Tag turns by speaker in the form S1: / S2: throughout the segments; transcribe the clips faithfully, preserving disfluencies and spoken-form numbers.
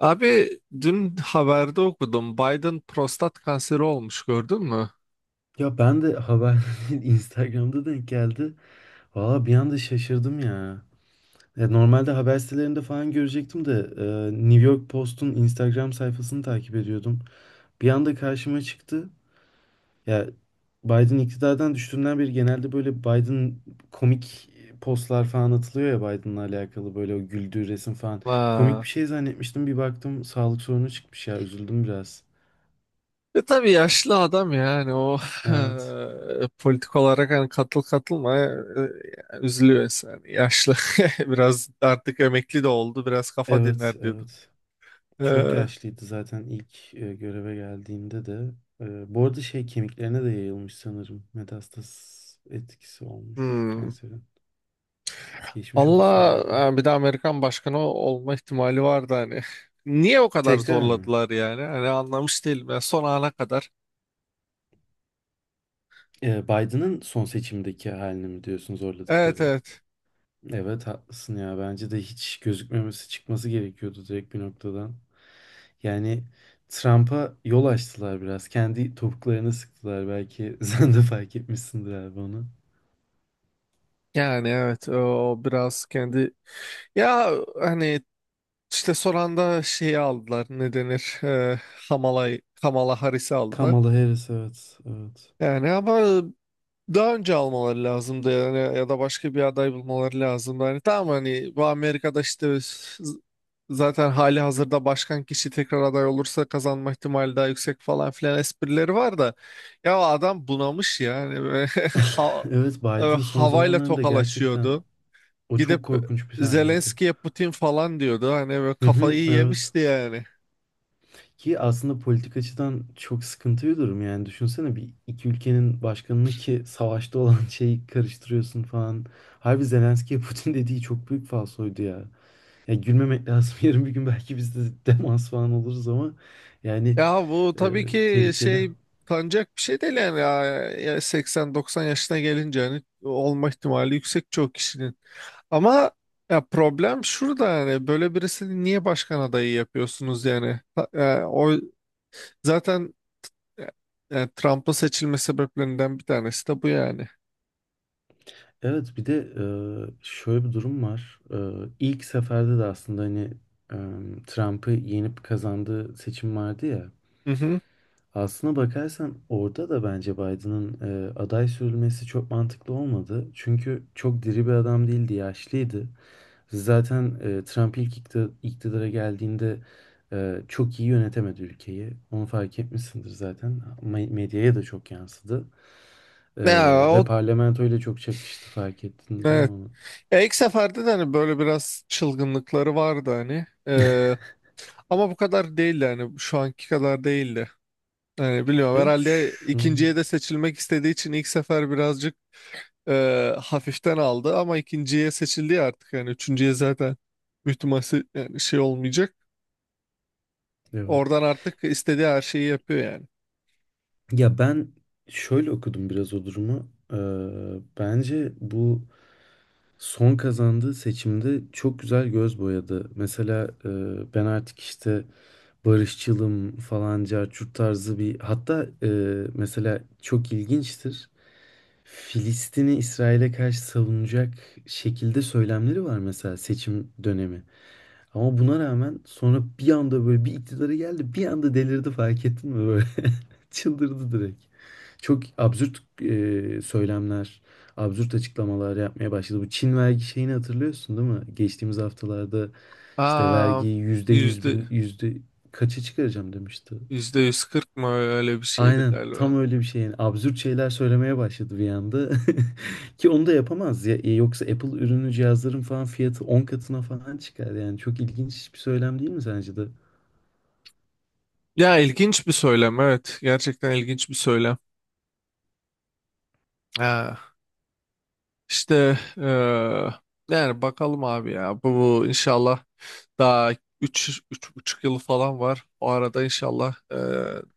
S1: Abi dün haberde okudum. Biden prostat kanseri olmuş, gördün mü?
S2: Ya ben de haber Instagram'da denk geldi. Valla bir anda şaşırdım ya. Ya normalde haber sitelerinde falan görecektim de e, New York Post'un Instagram sayfasını takip ediyordum. Bir anda karşıma çıktı. Ya Biden iktidardan düştüğünden beri genelde böyle Biden komik postlar falan atılıyor ya Biden'la alakalı böyle o güldüğü resim falan. Komik
S1: Vay.
S2: bir şey zannetmiştim bir baktım sağlık sorunu çıkmış ya üzüldüm biraz.
S1: E tabii yaşlı adam yani o
S2: Evet.
S1: eee, politik olarak hani katıl katılma eee, üzülüyor insan. Yaşlı biraz artık emekli de oldu, biraz kafa
S2: Evet,
S1: dinler diyordum.
S2: evet. Çok
S1: Eee,
S2: yaşlıydı zaten ilk e, göreve geldiğinde de. E, bu arada şey kemiklerine de yayılmış sanırım. Metastaz etkisi olmuş
S1: hmm.
S2: kanserin. Geçmiş olsun
S1: Allah
S2: Biden'a.
S1: e, bir de Amerikan başkanı olma ihtimali vardı hani. Niye o kadar
S2: Tekrar mı?
S1: zorladılar yani? Hani anlamış değilim. Yani son ana kadar.
S2: E, Biden'ın son seçimdeki halini mi diyorsun
S1: Evet,
S2: zorladıkları?
S1: evet.
S2: Evet haklısın ya. Bence de hiç gözükmemesi çıkması gerekiyordu direkt bir noktadan. Yani Trump'a yol açtılar biraz. Kendi topuklarına sıktılar belki. Sen de fark etmişsindir abi onu.
S1: Yani evet, o o biraz kendi ya, hani işte son anda şeyi aldılar, ne denir, e, Kamala, Kamala Harris'i aldılar.
S2: Kamala Harris evet. Evet.
S1: Yani ama daha önce almaları lazımdı yani, ya da başka bir aday bulmaları lazımdı. Hani tamam, hani bu Amerika'da işte z- zaten hali hazırda başkan kişi tekrar aday olursa kazanma ihtimali daha yüksek falan filan esprileri var da ya adam bunamış yani ve ha-
S2: Evet,
S1: e,
S2: Biden son
S1: havayla
S2: zamanlarında gerçekten
S1: tokalaşıyordu.
S2: o
S1: Gidip
S2: çok korkunç bir sahneydi.
S1: Zelenski'ye Putin falan diyordu. Hani böyle
S2: Hı hı,
S1: kafayı
S2: evet.
S1: yemişti yani.
S2: Ki aslında politik açıdan çok sıkıntı bir durum yani. Düşünsene bir iki ülkenin başkanını ki savaşta olan şeyi karıştırıyorsun falan. Harbi Zelenski'ye Putin dediği çok büyük falsoydu ya. Ya gülmemek lazım. Yarın bir gün belki biz de demans falan oluruz ama yani
S1: Ya bu
S2: e,
S1: tabii ki
S2: tehlikeli.
S1: şey, tanınacak bir şey değil yani. Ya, ya seksen doksan yaşına gelince hani olma ihtimali yüksek çoğu kişinin. Ama ya problem şurada, yani böyle birisini niye başkan adayı yapıyorsunuz yani? Ha- e, o zaten e, e, Trump'ın seçilme sebeplerinden bir tanesi de bu yani.
S2: Evet bir de e, şöyle bir durum var. E, ilk seferde de aslında hani e, Trump'ı yenip kazandığı seçim vardı ya.
S1: Hı hı.
S2: Aslına bakarsan orada da bence Biden'ın e, aday sürülmesi çok mantıklı olmadı. Çünkü çok diri bir adam değildi, yaşlıydı. Zaten e, Trump ilk ikti- iktidara geldiğinde e, çok iyi yönetemedi ülkeyi. Onu fark etmişsindir zaten. Me- Medyaya da çok yansıdı. E,
S1: Ya
S2: Ve
S1: o,
S2: parlamentoyla çok çakıştı fark ettin değil mi
S1: evet.
S2: onu?
S1: Ya ilk seferde de hani böyle biraz çılgınlıkları vardı hani. Ee, ama bu kadar değildi, hani şu anki kadar değildi. Yani biliyorum,
S2: Evet
S1: herhalde
S2: şu
S1: ikinciye de seçilmek istediği için ilk sefer birazcık e, hafiften aldı, ama ikinciye seçildi ya artık, yani üçüncüye zaten büyük ihtimal se- yani şey olmayacak.
S2: evet.
S1: Oradan artık istediği her şeyi yapıyor yani.
S2: Ya ben şöyle okudum biraz o durumu. Ee, bence bu son kazandığı seçimde çok güzel göz boyadı. Mesela e, ben artık işte barışçılım falan carçurt tarzı bir hatta e, mesela çok ilginçtir. Filistin'i İsrail'e karşı savunacak şekilde söylemleri var mesela seçim dönemi. Ama buna rağmen sonra bir anda böyle bir iktidarı geldi. Bir anda delirdi fark ettin mi böyle? Çıldırdı direkt. Çok absürt e, söylemler, absürt açıklamalar yapmaya başladı. Bu Çin vergi şeyini hatırlıyorsun değil mi? Geçtiğimiz haftalarda işte
S1: Aa,
S2: vergiyi yüzde yüz,
S1: yüzde
S2: bil- yüzde kaça çıkaracağım demişti.
S1: yüzde yüz kırk mı, öyle bir şeydi
S2: Aynen
S1: galiba.
S2: tam öyle bir şey. Yani absürt şeyler söylemeye başladı bir anda. Ki onu da yapamaz ya. E, Yoksa Apple ürünü cihazların falan fiyatı on katına falan çıkar. Yani çok ilginç bir söylem değil mi sence de?
S1: Ya ilginç bir söylem, evet gerçekten ilginç bir söylem. Ha. İşte eee, yani bakalım abi ya. Bu, bu inşallah daha üç üç, buçuk yıl falan var. O arada inşallah eee,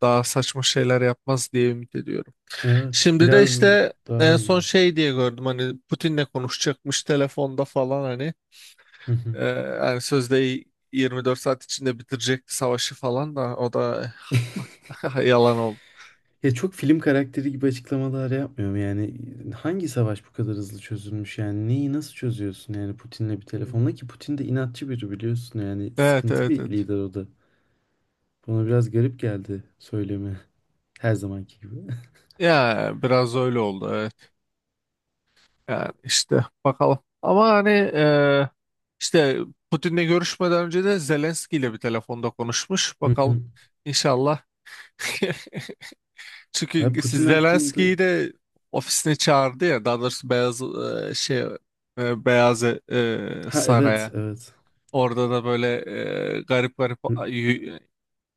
S1: daha saçma şeyler yapmaz diye ümit ediyorum.
S2: Evet,
S1: Şimdi de
S2: biraz
S1: işte en
S2: daha
S1: son
S2: iyi.
S1: şey diye gördüm, hani Putin'le konuşacakmış telefonda falan hani.
S2: Hı hı.
S1: Eee yani sözde yirmi dört saat içinde bitirecekti savaşı falan, da o da yalan oldu.
S2: Ya çok film karakteri gibi açıklamalar yapmıyorum yani. e, Hangi savaş bu kadar hızlı çözülmüş yani? Neyi nasıl çözüyorsun yani Putin'le bir
S1: Hmm.
S2: telefonla ki Putin de inatçı biri biliyorsun yani
S1: Evet,
S2: sıkıntı
S1: evet,
S2: bir
S1: evet.
S2: lider o da. Bana biraz garip geldi söylemi her zamanki gibi.
S1: Ya biraz öyle oldu. Yani işte bakalım. Ama hani e, işte Putin'le görüşmeden önce de Zelenski ile bir telefonda konuşmuş. Bakalım inşallah.
S2: Abi
S1: Çünkü siz
S2: Putin hakkında...
S1: Zelenski'yi de ofisine çağırdı ya. Daha doğrusu Beyaz e, şey, e, Beyaz e,
S2: Ha evet
S1: Saray'a.
S2: evet.
S1: Orada da böyle e, garip garip
S2: R-
S1: a- y-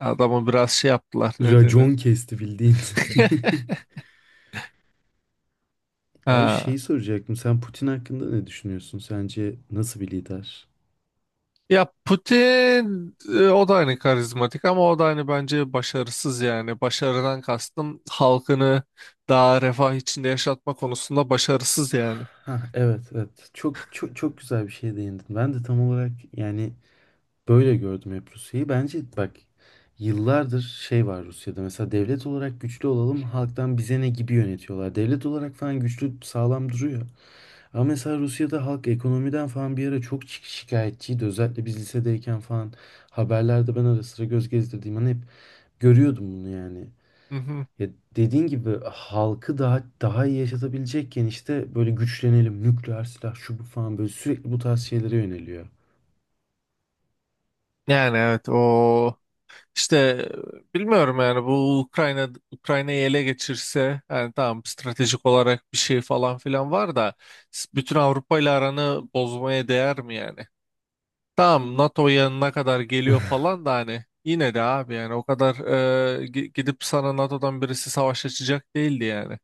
S1: adamı biraz şey yaptılar. Ne denir?
S2: Racon kesti bildiğin. Abi
S1: Ha.
S2: şeyi soracaktım. Sen Putin hakkında ne düşünüyorsun? Sence nasıl bir lider?
S1: Ya Putin, e, o da hani karizmatik ama o da hani bence başarısız yani. Başarıdan kastım halkını daha refah içinde yaşatma konusunda başarısız yani.
S2: Ha evet evet. Çok çok çok güzel bir şeye değindin. Ben de tam olarak yani böyle gördüm hep Rusya'yı. Bence bak yıllardır şey var Rusya'da. Mesela devlet olarak güçlü olalım, halktan bize ne gibi yönetiyorlar. Devlet olarak falan güçlü, sağlam duruyor. Ama mesela Rusya'da halk ekonomiden falan bir ara çok şi- şikayetçiydi. Özellikle biz lisedeyken falan haberlerde ben ara sıra göz gezdirdiğim an hep görüyordum bunu yani.
S1: Hı hı.
S2: Ya dediğin gibi halkı daha daha iyi yaşatabilecekken işte böyle güçlenelim, nükleer silah şu bu falan böyle sürekli bu tarz şeylere yöneliyor.
S1: Yani evet, o işte e, bilmiyorum yani, bu Ukrayna Ukrayna'yı ele geçirse yani tamam, stratejik olarak bir şey falan filan var da s- bütün Avrupa ile aranı bozmaya değer mi yani? Tamam, N A T O'ya ne kadar geliyor falan, da hani yine de abi yani o kadar e, gi- gidip sana N A T O'dan birisi savaş açacak değildi yani.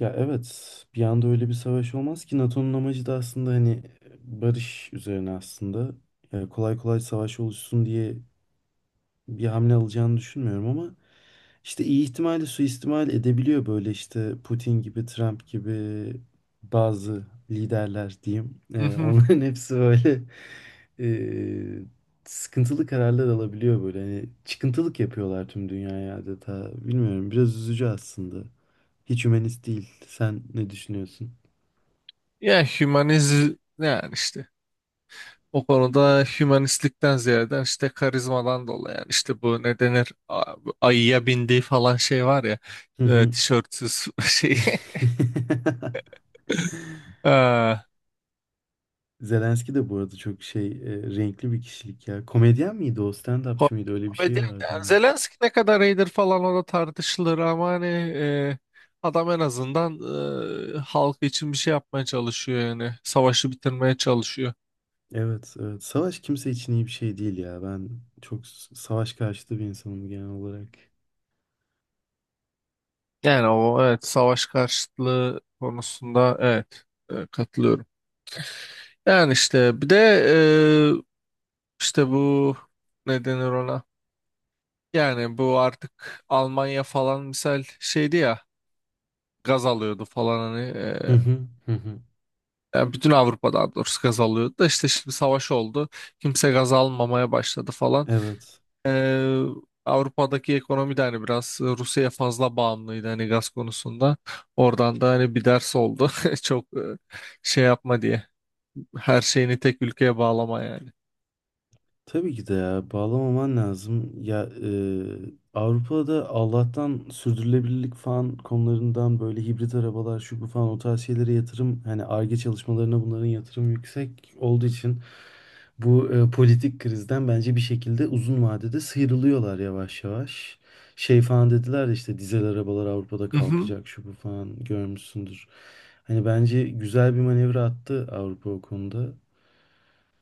S2: Ya evet bir anda öyle bir savaş olmaz ki natonun amacı da aslında hani barış üzerine aslında. Ya kolay kolay savaş oluşsun diye bir hamle alacağını düşünmüyorum ama işte iyi ihtimalle suistimal edebiliyor böyle işte Putin gibi, Trump gibi bazı liderler diyeyim. Ee,
S1: Mhm.
S2: onların hepsi böyle e, sıkıntılı kararlar alabiliyor böyle. Hani çıkıntılık yapıyorlar tüm dünyaya adeta. Bilmiyorum biraz üzücü aslında. Hiç hümanist değil. Sen ne düşünüyorsun?
S1: Ya hümanizm, yani işte o konuda hümanistlikten ziyade işte karizmadan dolayı yani, işte bu ne denir, A- ayıya bindiği falan şey var ya,
S2: Hı
S1: e,
S2: hı.
S1: tişörtsüz şey. Ha,
S2: Zelenski de bu arada çok şey e, renkli bir kişilik ya. Komedyen miydi o?
S1: Ko-
S2: Stand-upçı mıydı? Öyle bir
S1: Komedi-
S2: şey vardı
S1: yani
S2: onun.
S1: Zelenski ne kadar iyidir falan o da tartışılır, ama hani e, adam en azından e, halk için bir şey yapmaya çalışıyor yani. Savaşı bitirmeye çalışıyor.
S2: Evet, evet. Savaş kimse için iyi bir şey değil ya. Ben çok s- savaş karşıtı bir insanım genel olarak.
S1: Yani o, evet savaş karşıtlığı konusunda, evet e, katılıyorum. Yani işte bir de e, işte bu ne denir ona? Yani bu artık Almanya falan misal şeydi ya, gaz alıyordu falan hani
S2: Hı
S1: e,
S2: hı, hı hı.
S1: yani bütün Avrupa daha doğrusu gaz alıyordu da, işte şimdi savaş oldu. Kimse gaz almamaya başladı falan.
S2: Evet.
S1: Ee, Avrupa'daki ekonomi de hani biraz Rusya'ya fazla bağımlıydı hani gaz konusunda. Oradan da hani bir ders oldu. Çok e, şey yapma diye. Her şeyini tek ülkeye bağlama yani.
S2: Tabii ki de ya bağlamaman lazım. Ya e, Avrupa'da Allah'tan sürdürülebilirlik falan konularından böyle hibrit arabalar şu bu falan o tarz şeylere yatırım hani Ar-Ge çalışmalarına bunların yatırım yüksek olduğu için bu e, politik krizden bence bir şekilde uzun vadede sıyrılıyorlar yavaş yavaş. Şey falan dediler ya işte dizel arabalar Avrupa'da
S1: Hı.
S2: kalkacak şu bu falan görmüşsündür. Hani bence güzel bir manevra attı Avrupa o konuda.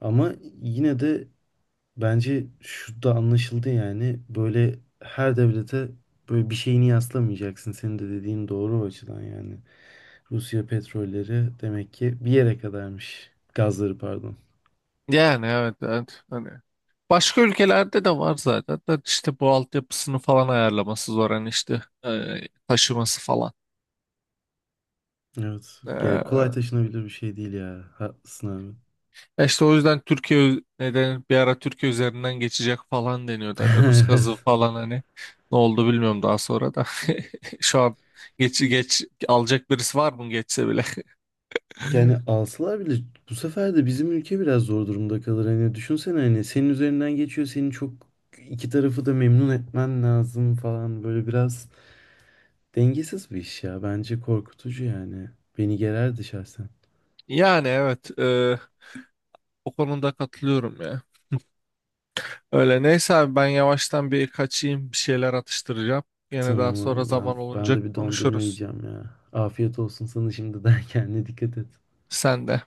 S2: Ama yine de bence şu da anlaşıldı yani böyle her devlete böyle bir şeyini yaslamayacaksın. Senin de dediğin doğru o açıdan yani. Rusya petrolleri demek ki bir yere kadarmış. Gazları pardon.
S1: Yani evet, evet. Hani başka ülkelerde de var zaten. Da işte bu altyapısını falan ayarlaması zor, hani işte e, taşıması falan.
S2: Evet. Yani kolay
S1: Ee,
S2: taşınabilir bir şey değil ya. Haklısın abi.
S1: Ya İşte o yüzden Türkiye neden bir ara Türkiye üzerinden geçecek falan deniyordu. Hani Rus gazı
S2: Evet.
S1: falan hani ne oldu bilmiyorum daha sonra da. Şu an geç geç alacak birisi var mı geçse bile.
S2: Yani alsalar bile bu sefer de bizim ülke biraz zor durumda kalır. Hani düşünsene hani senin üzerinden geçiyor. Senin çok iki tarafı da memnun etmen lazım falan. Böyle biraz dengesiz bir iş ya. Bence korkutucu yani. Beni gererdi şahsen.
S1: Yani evet, e, o konuda katılıyorum ya. Öyle neyse abi, ben yavaştan bir kaçayım, bir şeyler atıştıracağım. Yine daha
S2: Tamam
S1: sonra
S2: abi,
S1: zaman
S2: ben ben
S1: olunca
S2: de bir dondurma
S1: konuşuruz.
S2: yiyeceğim ya. Afiyet olsun sana şimdiden. Kendine dikkat et.
S1: Sen de.